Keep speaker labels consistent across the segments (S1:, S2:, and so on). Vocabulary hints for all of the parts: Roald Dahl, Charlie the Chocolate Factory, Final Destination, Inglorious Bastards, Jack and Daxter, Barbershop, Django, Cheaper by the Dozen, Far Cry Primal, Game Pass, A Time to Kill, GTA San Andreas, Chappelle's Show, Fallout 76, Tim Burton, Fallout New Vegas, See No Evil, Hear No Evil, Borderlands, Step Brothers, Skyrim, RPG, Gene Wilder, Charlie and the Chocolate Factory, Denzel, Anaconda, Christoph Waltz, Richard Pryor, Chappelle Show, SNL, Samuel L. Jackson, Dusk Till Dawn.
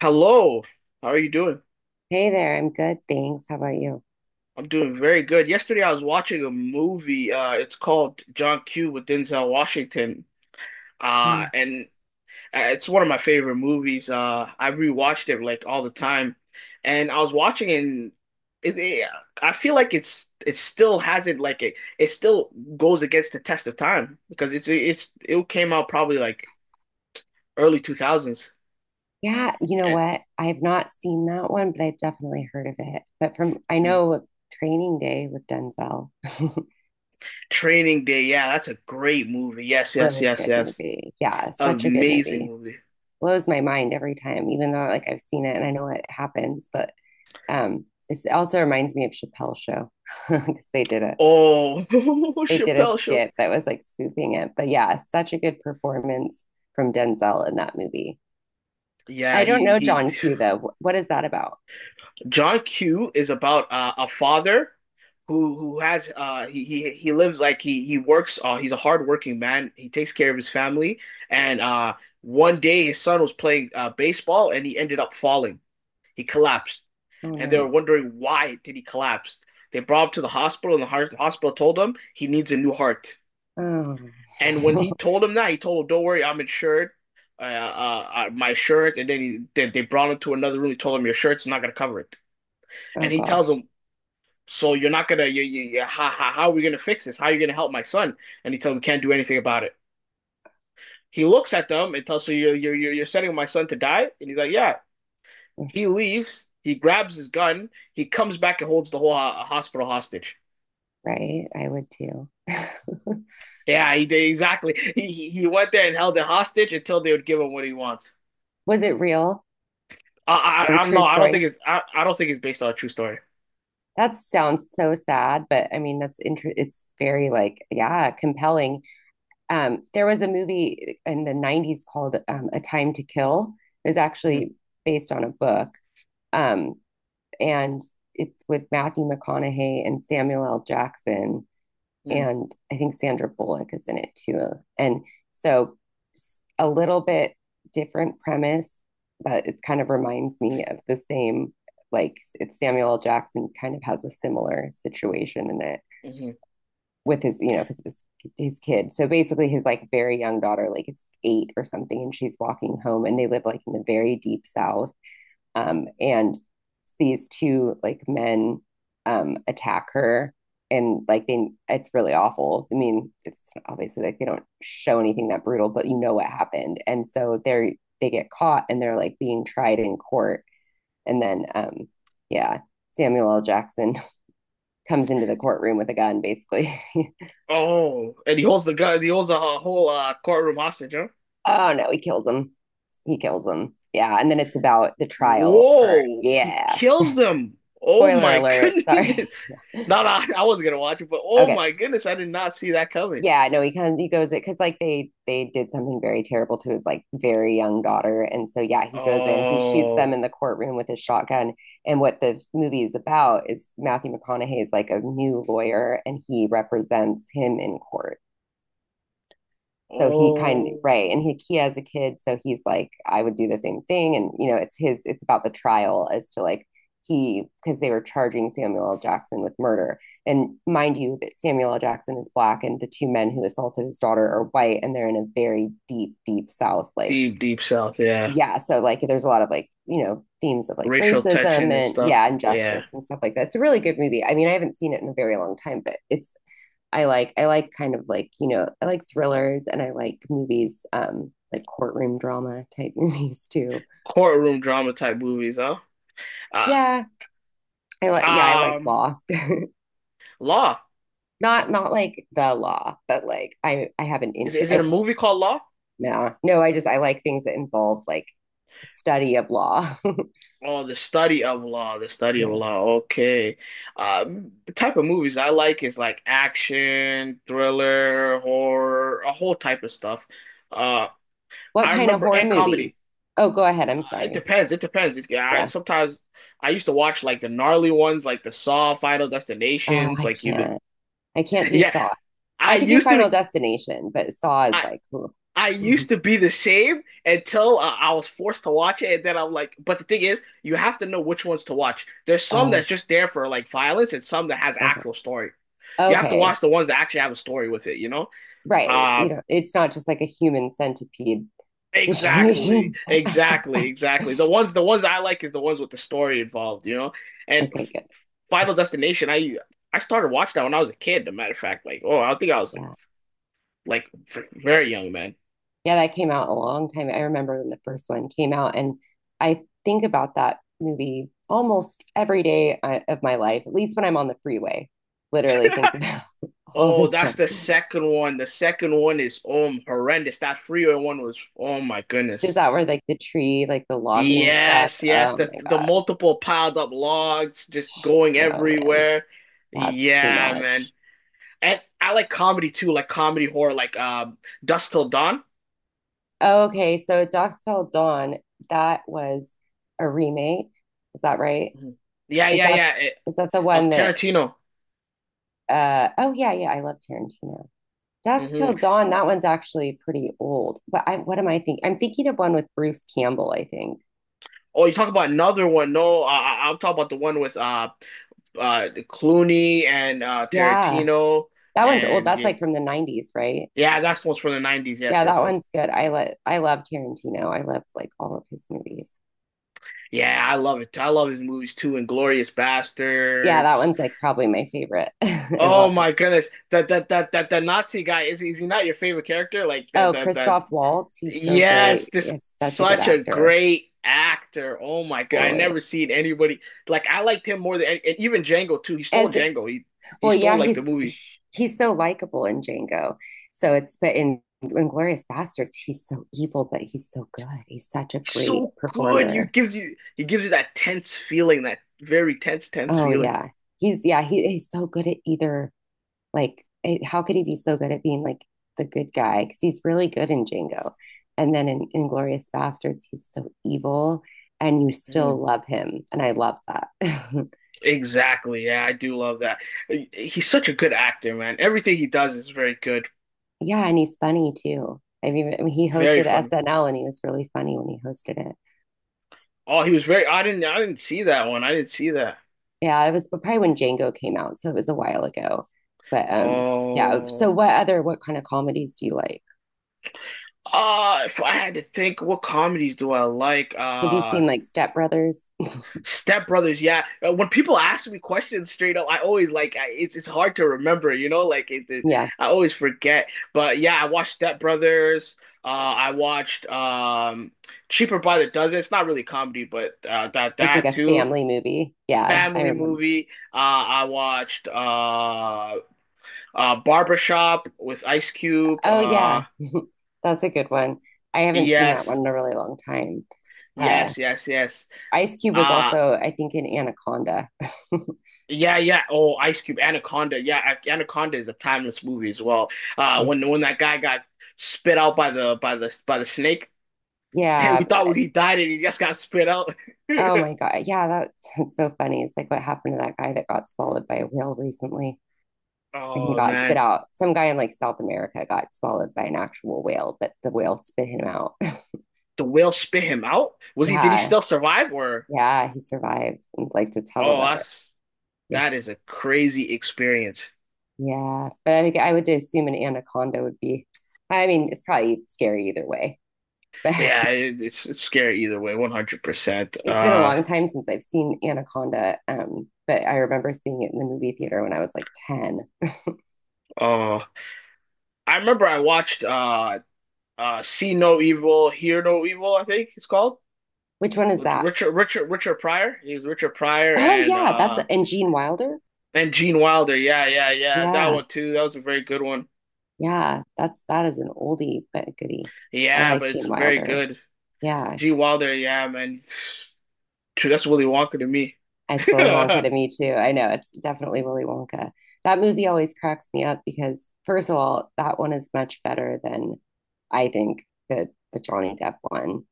S1: Hello, how are you doing?
S2: Hey there, I'm good, thanks. How about you?
S1: I'm doing very good. Yesterday I was watching a movie. It's called John Q with Denzel Washington.
S2: Oh,
S1: And it's one of my favorite movies. I rewatched it like all the time, and I was watching it. And it, it- I feel like it still hasn't like it. It still goes against the test of time because it came out probably like early 2000s.
S2: yeah, you know
S1: And
S2: what? I have not seen that one, but I've definitely heard of it. But from I
S1: mm,
S2: know Training Day with Denzel,
S1: Training Day, yeah, that's a great movie. Yes, yes,
S2: really
S1: yes,
S2: good
S1: yes.
S2: movie. Yeah, such a good
S1: Amazing
S2: movie.
S1: movie.
S2: Blows my mind every time, even though like I've seen it and I know what happens. But it also reminds me of Chappelle's show because they did a
S1: Oh,
S2: they did a
S1: Chappelle Show.
S2: skit that was like spoofing it. But yeah, such a good performance from Denzel in that movie.
S1: Yeah,
S2: I don't
S1: he
S2: know
S1: he.
S2: John Q though. What is that about?
S1: John Q is about a father who has he lives like he works he's a hardworking man. He takes care of his family and one day his son was playing baseball and he ended up falling. He collapsed
S2: Oh
S1: and they were
S2: no.
S1: wondering why did he collapse. They brought him to the hospital and the hospital told him he needs a new heart.
S2: Oh.
S1: And when he told him that, he told him, "Don't worry, I'm insured. My insurance." And then then they brought him to another room. He told him, "Your shirt's not gonna cover it."
S2: Oh
S1: And he tells
S2: gosh.
S1: him, "So you're not gonna, you, how are we gonna fix this? How are you gonna help my son?" And he tells him, "We can't do anything about it." He looks at them and tells, "So you're you're sending my son to die?" And he's like, "Yeah." He leaves. He grabs his gun. He comes back and holds the whole ho hospital hostage.
S2: Right? I would too.
S1: Yeah, he did exactly. He went there and held it hostage until they would give him what he wants.
S2: Was it real
S1: I,
S2: or
S1: I,
S2: a
S1: I don't
S2: true
S1: know. I don't think
S2: story?
S1: it's. I don't think it's based on a true story.
S2: That sounds so sad, but I mean that's inter it's very like, yeah, compelling. There was a movie in the 90s called A Time to Kill. It was
S1: hmm
S2: actually based on a book. Um And it's with Matthew McConaughey and Samuel L. Jackson.
S1: hmm
S2: And I think Sandra Bullock is in it too. And so a little bit different premise, but it kind of reminds me of the same. Like, it's Samuel L. Jackson kind of has a similar situation in it
S1: hmm
S2: with because his kid. So basically, his like very young daughter, like it's 8 or something, and she's walking home, and they live like in the very deep south.
S1: hmm
S2: And these two like men attack her, and like they it's really awful. I mean, it's obviously like they don't show anything that brutal, but you know what happened. And so they get caught, and they're like being tried in court. And then yeah, Samuel L. Jackson comes into the courtroom with a gun basically.
S1: Oh, and he holds the gun. He holds a whole courtroom hostage. Huh?
S2: Oh no, he kills him, he kills him, yeah. And then it's about the trial for,
S1: Whoa! He
S2: yeah.
S1: kills them. Oh
S2: Spoiler
S1: my
S2: alert,
S1: goodness!
S2: sorry. Yeah.
S1: Not I wasn't gonna watch it, but oh my
S2: Okay,
S1: goodness, I did not see that coming.
S2: yeah, no, he goes it because like they did something very terrible to his like very young daughter. And so yeah, he goes in, he shoots them
S1: Oh,
S2: in the courtroom with his shotgun, and what the movie is about is Matthew McConaughey is like a new lawyer, and he represents him in court. So he kind of,
S1: oh,
S2: right, and he has a kid, so he's like, I would do the same thing. And it's about the trial as to like, he because they were charging Samuel L. Jackson with murder. And mind you that Samuel L. Jackson is black, and the two men who assaulted his daughter are white, and they're in a very deep, deep south, like.
S1: Deep, deep south. Yeah,
S2: Yeah, so like, there's a lot of like, you know, themes of like
S1: racial tension
S2: racism
S1: and
S2: and,
S1: stuff.
S2: yeah,
S1: Yeah,
S2: injustice and stuff like that. It's a really good movie. I mean, I haven't seen it in a very long time, but it's I like kind of like, I like thrillers, and I like movies, like courtroom drama type movies too.
S1: courtroom drama type movies. Huh? Uh,
S2: Yeah. I like, yeah, I like
S1: um,
S2: law.
S1: Law.
S2: Not not like the law, but like I have an
S1: Is
S2: interest.
S1: it a movie called Law?
S2: No, no, I just I like things that involve like study of law.
S1: Oh, the study of law, the study of
S2: Yeah.
S1: law. Okay. The type of movies I like is like action, thriller, horror, a whole type of stuff. Uh,
S2: What
S1: I
S2: kind of
S1: remember
S2: horror
S1: and
S2: movies?
S1: comedy.
S2: Oh, go ahead. I'm
S1: It
S2: sorry.
S1: depends. It depends. It's, yeah, I
S2: Yeah.
S1: sometimes I used to watch like the gnarly ones, like the Saw, Final
S2: Oh,
S1: Destinations,
S2: I
S1: like you.
S2: can't. I can't do
S1: Yeah,
S2: Saw.
S1: I
S2: I could do
S1: used to be.
S2: Final Destination, but Saw is
S1: I
S2: like, ugh.
S1: I
S2: Mhm.
S1: used to be the same until I was forced to watch it, and then I'm like, but the thing is, you have to know which ones to watch. There's some
S2: Oh,
S1: that's just there for like violence, and some that has
S2: okay.
S1: actual story. You have to
S2: Okay.
S1: watch the ones that actually have a story with it, you know?
S2: Right,
S1: Uh,
S2: it's not just like a human centipede
S1: exactly,
S2: situation.
S1: exactly, exactly. The ones that I like is the ones with the story involved, you know? And
S2: Okay, good.
S1: Final Destination, I started watching that when I was a kid. As a matter of fact, like, oh, I think I was
S2: Yeah,
S1: like very young, man.
S2: yeah, that came out a long time. I remember when the first one came out, and I think about that movie almost every day of my life, at least when I'm on the freeway. Literally think about it all
S1: Oh,
S2: the
S1: that's
S2: time.
S1: the second one. The second one is horrendous. That freeway one was oh my
S2: Is
S1: goodness.
S2: that where like the tree, like the logging truck?
S1: Yes, yes.
S2: Oh
S1: The
S2: my god.
S1: multiple piled up logs just going
S2: No, man.
S1: everywhere.
S2: That's too
S1: Yeah, man.
S2: much.
S1: And I like comedy too, like comedy horror, like Dust Till Dawn.
S2: Oh, okay, so Dusk Till Dawn, that was a remake. Is that right?
S1: Mhm. Yeah,
S2: Is
S1: yeah,
S2: that
S1: yeah.
S2: is that the
S1: Of
S2: one that
S1: Tarantino.
S2: oh yeah, yeah, I love Tarantino. Dusk
S1: hmm
S2: Till Dawn, that one's actually pretty old. But I what am I thinking? I'm thinking of one with Bruce Campbell, I think.
S1: Oh, you talk about another one? No, I'll talk about the one with Clooney and
S2: Yeah.
S1: Tarantino
S2: That one's old.
S1: and
S2: That's
S1: yeah,
S2: like from the 90s, right?
S1: yeah, that's what's from the 90s. Yes,
S2: Yeah, that
S1: yes, yes.
S2: one's good. I love Tarantino. I love like all of his movies.
S1: Yeah, I love it. I love his movies too. Inglorious
S2: Yeah, that
S1: Bastards.
S2: one's like probably my favorite. I
S1: Oh
S2: love it.
S1: my goodness. That Nazi guy is he not your favorite character? Like
S2: Oh,
S1: that
S2: Christoph Waltz, he's so
S1: yes,
S2: great.
S1: this
S2: He's such a good
S1: such a
S2: actor.
S1: great actor. Oh my God. I
S2: Totally.
S1: never seen anybody like I liked him more than and even Django too. He stole
S2: As
S1: Django. He
S2: well,
S1: stole
S2: yeah,
S1: like
S2: he's
S1: the movie.
S2: he's so likable in Django. So it's But in Inglorious Bastards, he's so evil, but he's so good. He's such a
S1: He's
S2: great
S1: so good. You
S2: performer.
S1: gives you He gives you that tense feeling, that very tense, tense
S2: Oh
S1: feeling.
S2: yeah, he's yeah, he's so good at either, like, how could he be so good at being like the good guy? Because he's really good in Django, and then in Inglorious Bastards, he's so evil, and you still
S1: Hmm.
S2: love him, and I love that.
S1: Exactly. Yeah, I do love that. He's such a good actor, man. Everything he does is very good,
S2: Yeah, and he's funny too. I mean, he
S1: very
S2: hosted
S1: funny.
S2: SNL, and he was really funny when he hosted it.
S1: Oh, he was very. I didn't see that one. I didn't see that.
S2: Yeah, it was probably when Django came out, so it was a while ago. But yeah. So
S1: Oh.
S2: what kind of comedies do you like?
S1: If I had to think, what comedies do I like?
S2: Have you seen like Step Brothers?
S1: Step Brothers, yeah. When people ask me questions straight up, I always like it's hard to remember, you know, like it
S2: Yeah,
S1: I always forget. But yeah, I watched Step Brothers. I watched Cheaper by the Dozen. It's not really comedy, but
S2: it's like
S1: that
S2: a
S1: too.
S2: family movie. Yeah, I
S1: Family
S2: remember.
S1: movie. I watched Barbershop with Ice Cube.
S2: Oh yeah, that's a good one. I haven't seen that one
S1: Yes,
S2: in a really long time. Uh,
S1: yes, yes, yes.
S2: Ice Cube was
S1: Uh,
S2: also, I think, in Anaconda.
S1: Yeah, yeah. Oh, Ice Cube, Anaconda. Yeah, Anaconda is a timeless movie as well. When that guy got spit out by the by the by the snake, we
S2: Yeah,
S1: thought he died and he just got spit out.
S2: oh my God. Yeah, that's, that's so funny. It's like what happened to that guy that got swallowed by a whale recently, and he
S1: Oh
S2: got spit
S1: man,
S2: out. Some guy in like South America got swallowed by an actual whale, but the whale spit him out.
S1: the whale spit him out? Was he? Did he
S2: Yeah.
S1: still survive? Or
S2: Yeah. He survived and like to tell
S1: oh,
S2: about it.
S1: that's
S2: Yeah.
S1: that is a crazy experience.
S2: Yeah. But I would assume an anaconda would be, I mean, it's probably scary either way. But
S1: Yeah, it's scary either way, 100%.
S2: it's been a long time since I've seen anaconda. But I remember seeing it in the movie theater when I was like 10.
S1: Oh, I remember I watched See No Evil, Hear No Evil, I think it's called.
S2: Which one is
S1: With
S2: that?
S1: Richard Pryor. He was Richard Pryor
S2: Oh yeah, that's and Gene Wilder.
S1: and Gene Wilder. Yeah, yeah, yeah. That
S2: Yeah,
S1: one too. That was a very good one.
S2: yeah, that is an oldie but a goodie. I
S1: Yeah,
S2: like
S1: but it's
S2: Gene
S1: very
S2: Wilder.
S1: good.
S2: Yeah,
S1: Gene Wilder. Yeah, man. True. That's Willy Wonka to me.
S2: it's Willy
S1: hmm
S2: Wonka to me too. I know it's definitely Willy Wonka. That movie always cracks me up because, first of all, that one is much better than, I think, the Johnny Depp one.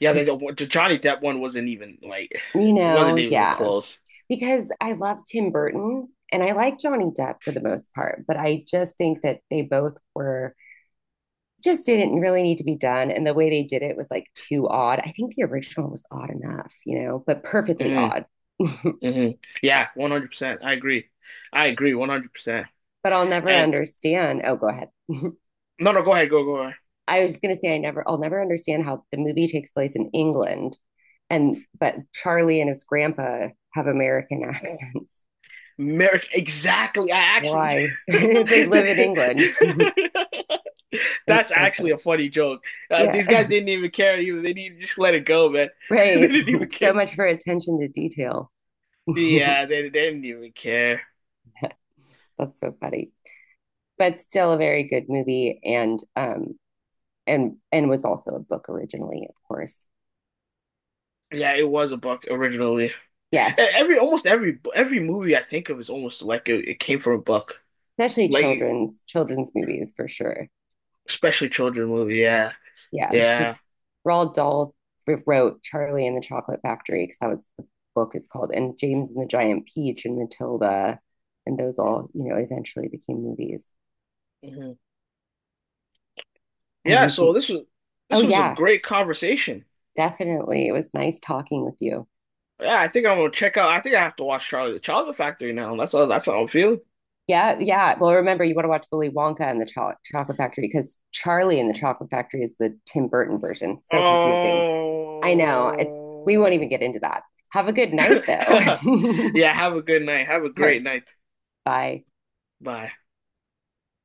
S1: Yeah,
S2: Because,
S1: the Johnny Depp one wasn't even like it wasn't even
S2: yeah,
S1: close.
S2: because I love Tim Burton and I like Johnny Depp for the most part, but I just think that they both were just didn't really need to be done. And the way they did it was like too odd. I think the original was odd enough, you know, but perfectly
S1: hmm
S2: odd. But
S1: hmm Yeah, 100%. I agree. I agree 100%.
S2: I'll never
S1: And
S2: understand. Oh, go ahead.
S1: no, No, go ahead, go.
S2: I was just going to say, I'll never understand how the movie takes place in England. But Charlie and his grandpa have American accents.
S1: Merrick, exactly. I actually
S2: Why? They live in England.
S1: that's
S2: That's so
S1: actually a
S2: funny.
S1: funny joke.
S2: Yeah.
S1: These guys didn't even care. They didn't just let it go, man. They
S2: Right.
S1: didn't even care.
S2: So much for attention to detail.
S1: Yeah, they didn't even care.
S2: That's so funny. But still a very good movie, and was also a book originally, of course.
S1: Yeah, it was a book originally.
S2: Yes,
S1: Every almost every movie I think of is almost like it came from a book,
S2: especially
S1: like
S2: children's movies for sure.
S1: especially children movie. Yeah,
S2: Yeah,
S1: yeah,
S2: because Roald Dahl wrote Charlie and the Chocolate Factory, because that was the book is called, and James and the Giant Peach and Matilda, and those all, eventually became movies.
S1: hmm
S2: Have
S1: yeah.
S2: you
S1: So
S2: seen? Oh
S1: this was a
S2: yeah,
S1: great conversation.
S2: definitely. It was nice talking with you.
S1: Yeah, I think I'm gonna check out. I think I have to watch Charlie the Chocolate Factory now. That's all. That's how I'm feeling.
S2: Yeah, yeah. Well, remember, you want to watch Willy Wonka and the Chocolate Factory, because Charlie and the Chocolate Factory is the Tim Burton version. So confusing. I know. It's We won't
S1: Oh.
S2: even get into that. Have a good night though. All
S1: Yeah, have a good night. Have a
S2: right.
S1: great night.
S2: Bye.
S1: Bye.